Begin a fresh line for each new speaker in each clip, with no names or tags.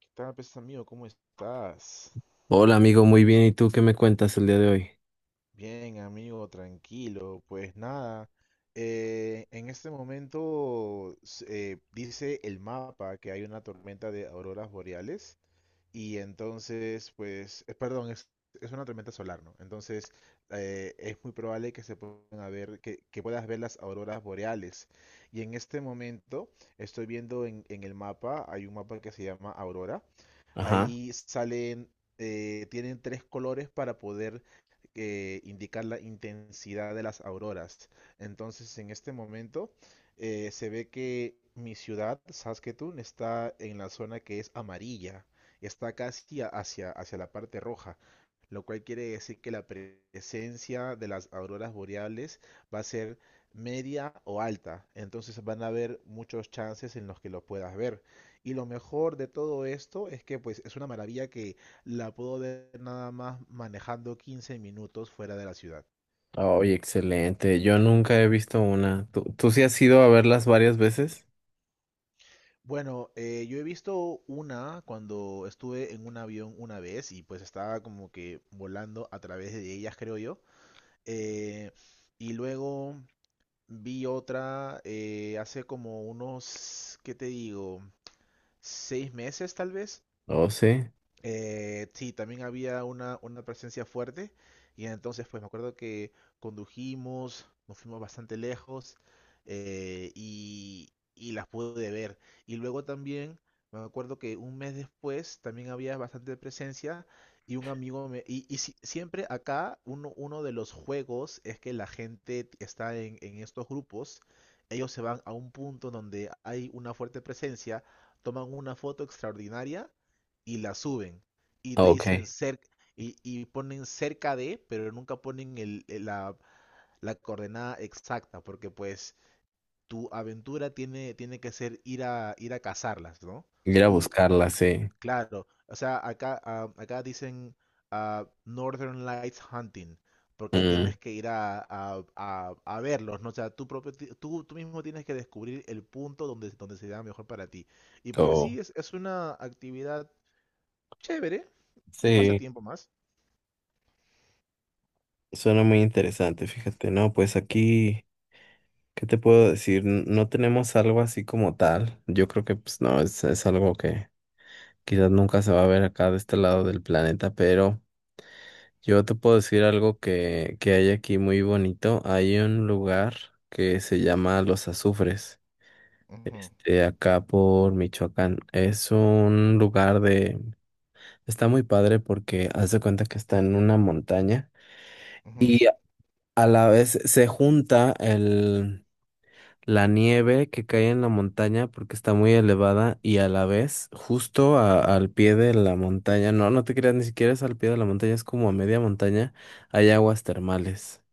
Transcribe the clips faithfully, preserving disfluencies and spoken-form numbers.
¿Qué tal, pues amigo? ¿Cómo estás?
Hola amigo, muy bien. ¿Y tú qué me cuentas el día de hoy?
Bien, amigo, tranquilo. Pues nada, eh, en este momento s- eh, dice el mapa que hay una tormenta de auroras boreales y entonces, pues, eh, perdón, es, es una tormenta solar, ¿no? Entonces, eh, es muy probable que se puedan a ver, que, que puedas ver las auroras boreales. Y en este momento estoy viendo en, en el mapa, hay un mapa que se llama Aurora.
Ajá.
Ahí salen, eh, tienen tres colores para poder eh, indicar la intensidad de las auroras. Entonces, en este momento eh, se ve que mi ciudad, Saskatoon, está en la zona que es amarilla. Está casi a- hacia, hacia la parte roja, lo cual quiere decir que la presencia de las auroras boreales va a ser media o alta. Entonces van a haber muchos chances en los que lo puedas ver. Y lo mejor de todo esto es que pues es una maravilla que la puedo ver nada más manejando quince minutos fuera de la ciudad.
Oye, excelente. Yo nunca he visto una. ¿Tú, tú sí has ido a verlas varias veces?
Bueno, eh, yo he visto una cuando estuve en un avión una vez y pues estaba como que volando a través de ellas, creo yo. Eh, y luego vi otra eh, hace como unos, ¿qué te digo? Seis meses tal vez.
Oh, sí.
Eh, sí, también había una, una presencia fuerte y entonces pues me acuerdo que condujimos, nos fuimos bastante lejos eh, y, y las pude ver. Y luego también me acuerdo que un mes después también había bastante presencia y un amigo me... Y, y si- siempre acá uno, uno de los juegos es que la gente está en, en estos grupos, ellos se van a un punto donde hay una fuerte presencia, toman una foto extraordinaria y la suben y te dicen
Ok.
cerca y, y ponen cerca de, pero nunca ponen el, el- la, la coordenada exacta, porque pues tu aventura tiene, tiene que ser ir a, ir a cazarlas, ¿no?
Ir a
Tú,
buscarlas, sí.
claro, o sea, acá, ah, acá dicen ah, Northern Lights Hunting, porque
Mm,
tienes que ir a, a, a- a verlos, ¿no? O sea, tú, propio, ti- tú, tú mismo tienes que descubrir el punto donde, donde se da mejor para ti. Y pues
oh.
sí, es, es una actividad chévere, un
Sí,
pasatiempo más.
suena muy interesante, fíjate. No, pues aquí, ¿qué te puedo decir? N- No tenemos algo así como tal. Yo creo que pues no, es, es algo que quizás nunca se va a ver acá de este lado del planeta, pero... Yo te puedo decir algo que, que hay aquí muy bonito. Hay un lugar que se llama Los Azufres,
Ujú,
de acá por Michoacán. Es un lugar de... Está muy padre porque haz de cuenta que está en una montaña
ujú.
y a la vez se junta el, la nieve que cae en la montaña porque está muy elevada y a la vez justo a- al pie de la montaña, no, no te creas, ni siquiera es al pie de la montaña, es como a media montaña, hay aguas termales.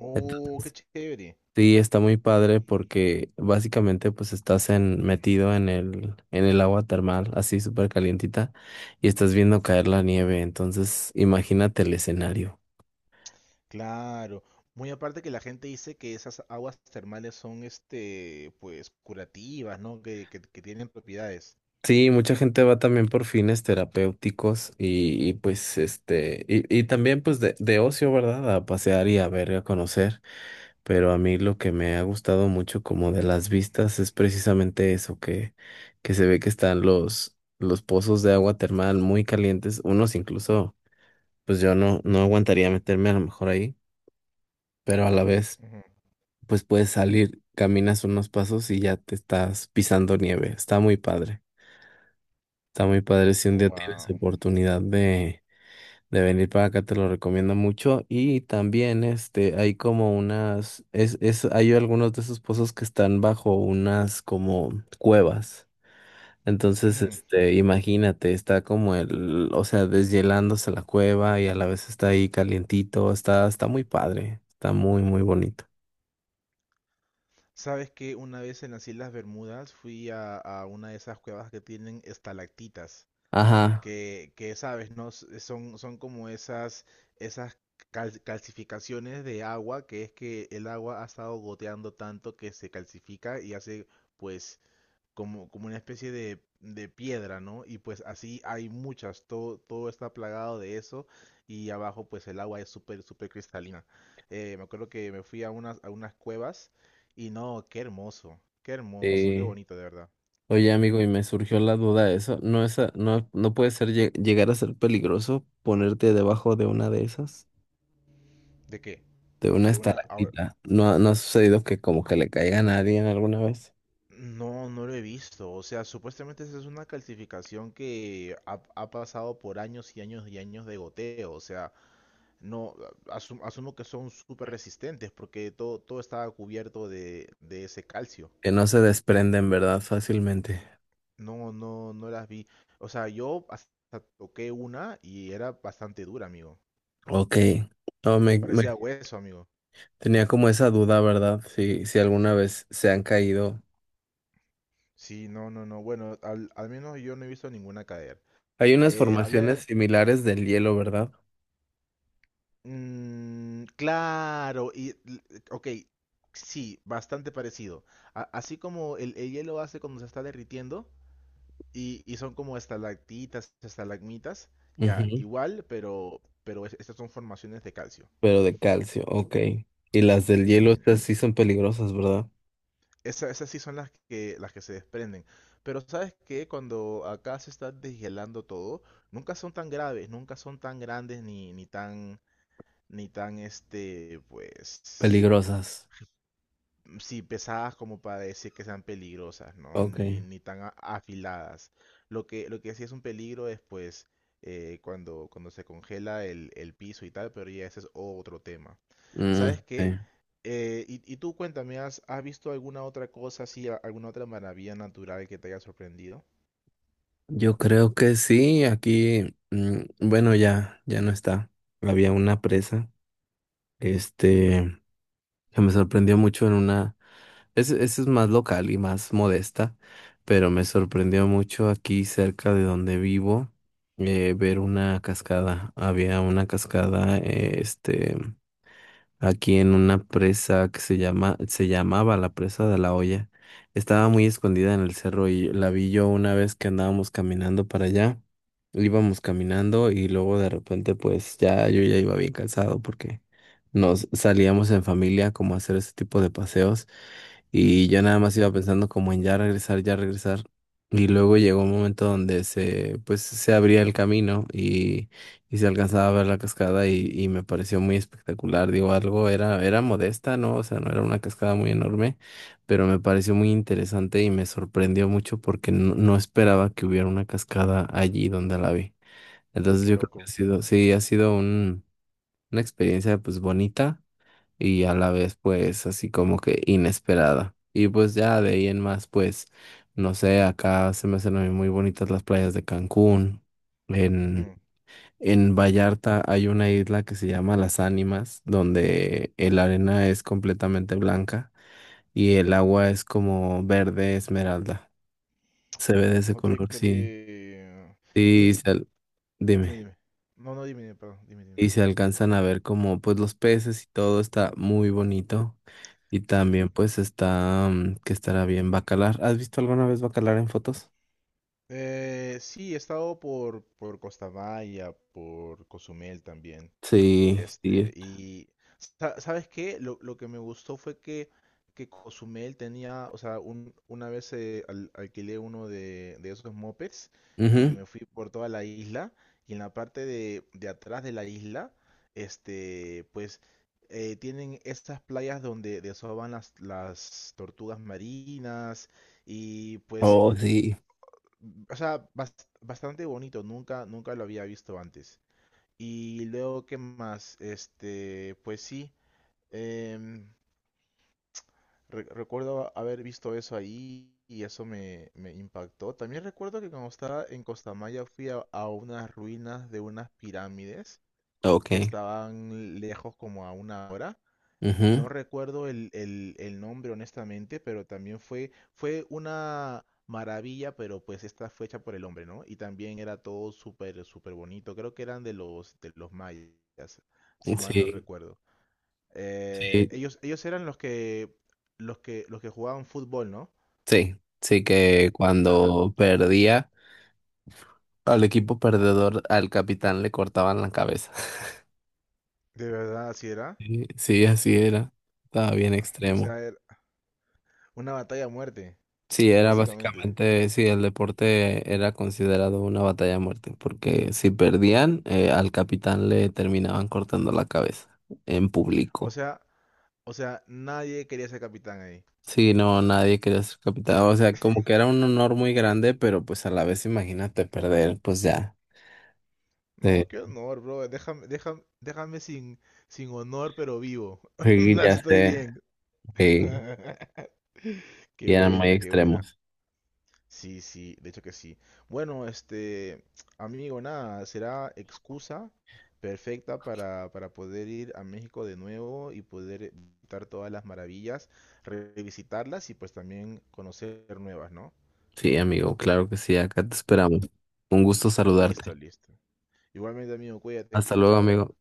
Oh, qué
Entonces,
chévere.
sí, está muy padre porque básicamente pues estás en, metido en el, en el agua termal, así súper calientita, y estás viendo caer la nieve. Entonces, imagínate el escenario.
Claro. Muy aparte que la gente dice que esas aguas termales son, este, pues, curativas, ¿no? Que, que, que tienen propiedades.
Sí, mucha gente va también por fines terapéuticos y, y, pues este, y, y también pues de, de ocio, ¿verdad? A pasear y a ver, a conocer. Pero a mí lo que me ha gustado mucho como de las vistas es precisamente eso, que, que se ve que están los, los pozos de agua termal muy calientes, unos incluso, pues yo no, no aguantaría meterme a lo mejor ahí, pero a la vez,
Ujú.
pues puedes salir, caminas unos pasos y ya te estás pisando nieve. Está muy padre, está muy padre si un día tienes
Wow.
oportunidad de de venir para acá, te lo recomiendo mucho. Y también, este, hay como unas, es, es, hay algunos de esos pozos que están bajo unas como cuevas. Entonces,
Ujú.
este, imagínate, está como el, o sea, deshielándose la cueva y a la vez está ahí calientito, está, está muy padre, está muy, muy bonito.
¿Sabes que una vez en las Islas Bermudas fui a, a una de esas cuevas que tienen estalactitas,
Ajá.
que, que sabes, ¿no? S- eh, Son, son como esas, esas cal- calcificaciones de agua, que es que el agua ha estado goteando tanto que se calcifica y hace pues como, como una especie de, de piedra, ¿no? Y pues así hay muchas, todo, todo está plagado de eso y abajo pues el agua es súper, súper cristalina. Eh, me acuerdo que me fui a unas, a unas cuevas y no, qué hermoso, qué hermoso, qué
eh,
bonito de verdad.
Oye, amigo, y me surgió la duda de eso. ¿No es, a- no, no puede ser lle- llegar a ser peligroso ponerte debajo de una de esas?
¿De qué?
De una
De una.
estalactita. ¿No, no ha sucedido que como que le caiga a nadie alguna vez?
No, no lo he visto. O sea, supuestamente esa es una calcificación que ha, ha pasado por años y años y años de goteo. O sea, no asum- asumo que son súper resistentes porque todo, todo estaba cubierto de, de ese calcio.
Que no se desprenden, ¿verdad? Fácilmente.
No, no, no las vi. O sea, yo hasta toqué una y era bastante dura, amigo.
Ok. No, me,
Parecía
me-
hueso, amigo.
tenía como esa duda, ¿verdad? Si, si alguna vez se han caído.
Sí, no, no, no. Bueno, al, al menos yo no he visto ninguna caer.
Hay unas
Eh,
formaciones
habían,
similares del hielo, ¿verdad?
Mm, claro, y l- ok, sí, bastante parecido. A- así como el, el hielo hace cuando se está derritiendo y, y son como estalactitas, estalagmitas, ya,
Ujú.
igual, pero, pero es- estas son formaciones de calcio,
Pero de calcio, ok. Y las del hielo,
imagina.
estas sí son peligrosas, ¿verdad?
Esa- esas sí son las que, las que se desprenden. Pero sabes que cuando acá se está deshielando todo, nunca son tan graves, nunca son tan grandes ni, ni tan, ni tan, este, pues...
Peligrosas.
sí, pesadas como para decir que sean peligrosas, ¿no? Ni,
Ok.
ni tan a- afiladas. Lo que, lo que sí es un peligro es pues eh, cuando, cuando se congela el, el piso y tal, pero ya ese es otro tema.
Mm,
¿Sabes qué?
sí.
Eh, y, y tú cuéntame, ¿has, has visto alguna otra cosa así, a- alguna otra maravilla natural que te haya sorprendido?
Yo creo que sí, aquí, mm, bueno, ya, ya no está. Había una presa. Este, que me sorprendió mucho en una, es- esa es más local y más modesta, pero me sorprendió mucho aquí cerca de donde vivo eh, ver una cascada. Había una cascada, eh, este aquí en una presa que se llama, se llamaba la presa de la olla. Estaba muy escondida en el cerro y la vi yo una vez que andábamos caminando para allá. Íbamos caminando y luego de repente pues ya yo ya iba bien cansado porque nos salíamos en familia como a hacer ese tipo de paseos y yo nada más
Ujú,
iba pensando como en ya regresar, ya regresar. Y luego llegó un momento donde se pues se abría el camino y se alcanzaba a ver la cascada y, y me pareció muy espectacular. Digo, algo era, era modesta, ¿no? O sea, no era una cascada muy enorme, pero me pareció muy interesante y me sorprendió mucho porque no, no esperaba que hubiera una cascada allí donde la vi. Entonces
qué
yo creo que ha
loco.
sido, sí, ha sido un, una experiencia pues bonita y a la vez pues así como que inesperada. Y pues ya de ahí en más pues, no sé, acá se me hacen a mí muy bonitas las playas de Cancún.
Ujú.
En Vallarta hay una isla que se llama Las Ánimas, donde la arena es completamente blanca y el agua es como verde esmeralda. Se ve de ese
No te
color, sí.
creo.
Sí,
Dime,
se al-
dime,
dime.
dime. No, no, dime, dime, perdón, dime, dime.
Y se alcanzan a ver como pues los peces y todo está muy bonito. Y también
Sí.
pues está mm, que estará bien Bacalar. ¿Has visto alguna vez Bacalar en fotos?
Eh, sí, he estado por, por Costa Maya, por Cozumel también.
Sí,
Este,
sí.
y sa- ¿sabes qué? Lo, lo que me gustó fue que, que Cozumel tenía, o sea, un- una vez eh, al- alquilé uno de, de esos mopeds y
Ujú.
me fui por toda la isla y en la parte de, de atrás de la isla, este, pues eh, tienen estas playas donde desovan las, las tortugas marinas y pues
Oh, sí.
o sea, bas- bastante bonito, nunca, nunca lo había visto antes. Y luego, ¿qué más? Este, pues sí, em, re- recuerdo haber visto eso ahí y eso me, me impactó. También recuerdo que cuando estaba en Costa Maya fui a, a unas ruinas de unas pirámides
Ok.
que estaban lejos como a una hora.
Ujú.
No recuerdo el, el- el nombre honestamente, pero también fue, fue una maravilla, pero pues esta fue hecha por el hombre, ¿no? Y también era todo súper, súper bonito. Creo que eran de los, de los mayas, si mal no
Sí,
recuerdo. Eh,
sí.
ellos, ellos eran los que, los que, los que jugaban fútbol, ¿no?
Sí, sí
Eh,
que
Ajá,
cuando perdía al equipo perdedor, al capitán le cortaban la cabeza.
de verdad, así era.
Sí, sí, así era. Estaba bien
O
extremo.
sea, era una batalla a muerte,
Sí, era
básicamente.
básicamente, sí, el deporte era considerado una batalla a muerte, porque si perdían, eh, al capitán le terminaban cortando la cabeza en
O
público.
sea, o sea, nadie quería ser capitán ahí.
Sí, no, nadie quería ser capitán. O sea, como que era un honor muy grande, pero pues a la vez imagínate perder, pues ya. Sí,
No, qué honor, bro. Déjame, déjame, déjame sin, sin honor, pero vivo.
sí,
Así
ya
estoy
sé.
bien.
Sí.
Qué
Y eran muy
buena, qué buena.
extremos.
Sí, sí, de hecho que sí. Bueno, este, amigo, nada, será excusa perfecta para, para poder ir a México de nuevo y poder visitar todas las maravillas, revisitarlas y pues también conocer nuevas, ¿no?
Sí, amigo, claro que sí, acá te esperamos. Un gusto saludarte.
Listo, listo. Igualmente, amigo, cuídate.
Hasta luego,
Chao.
amigo.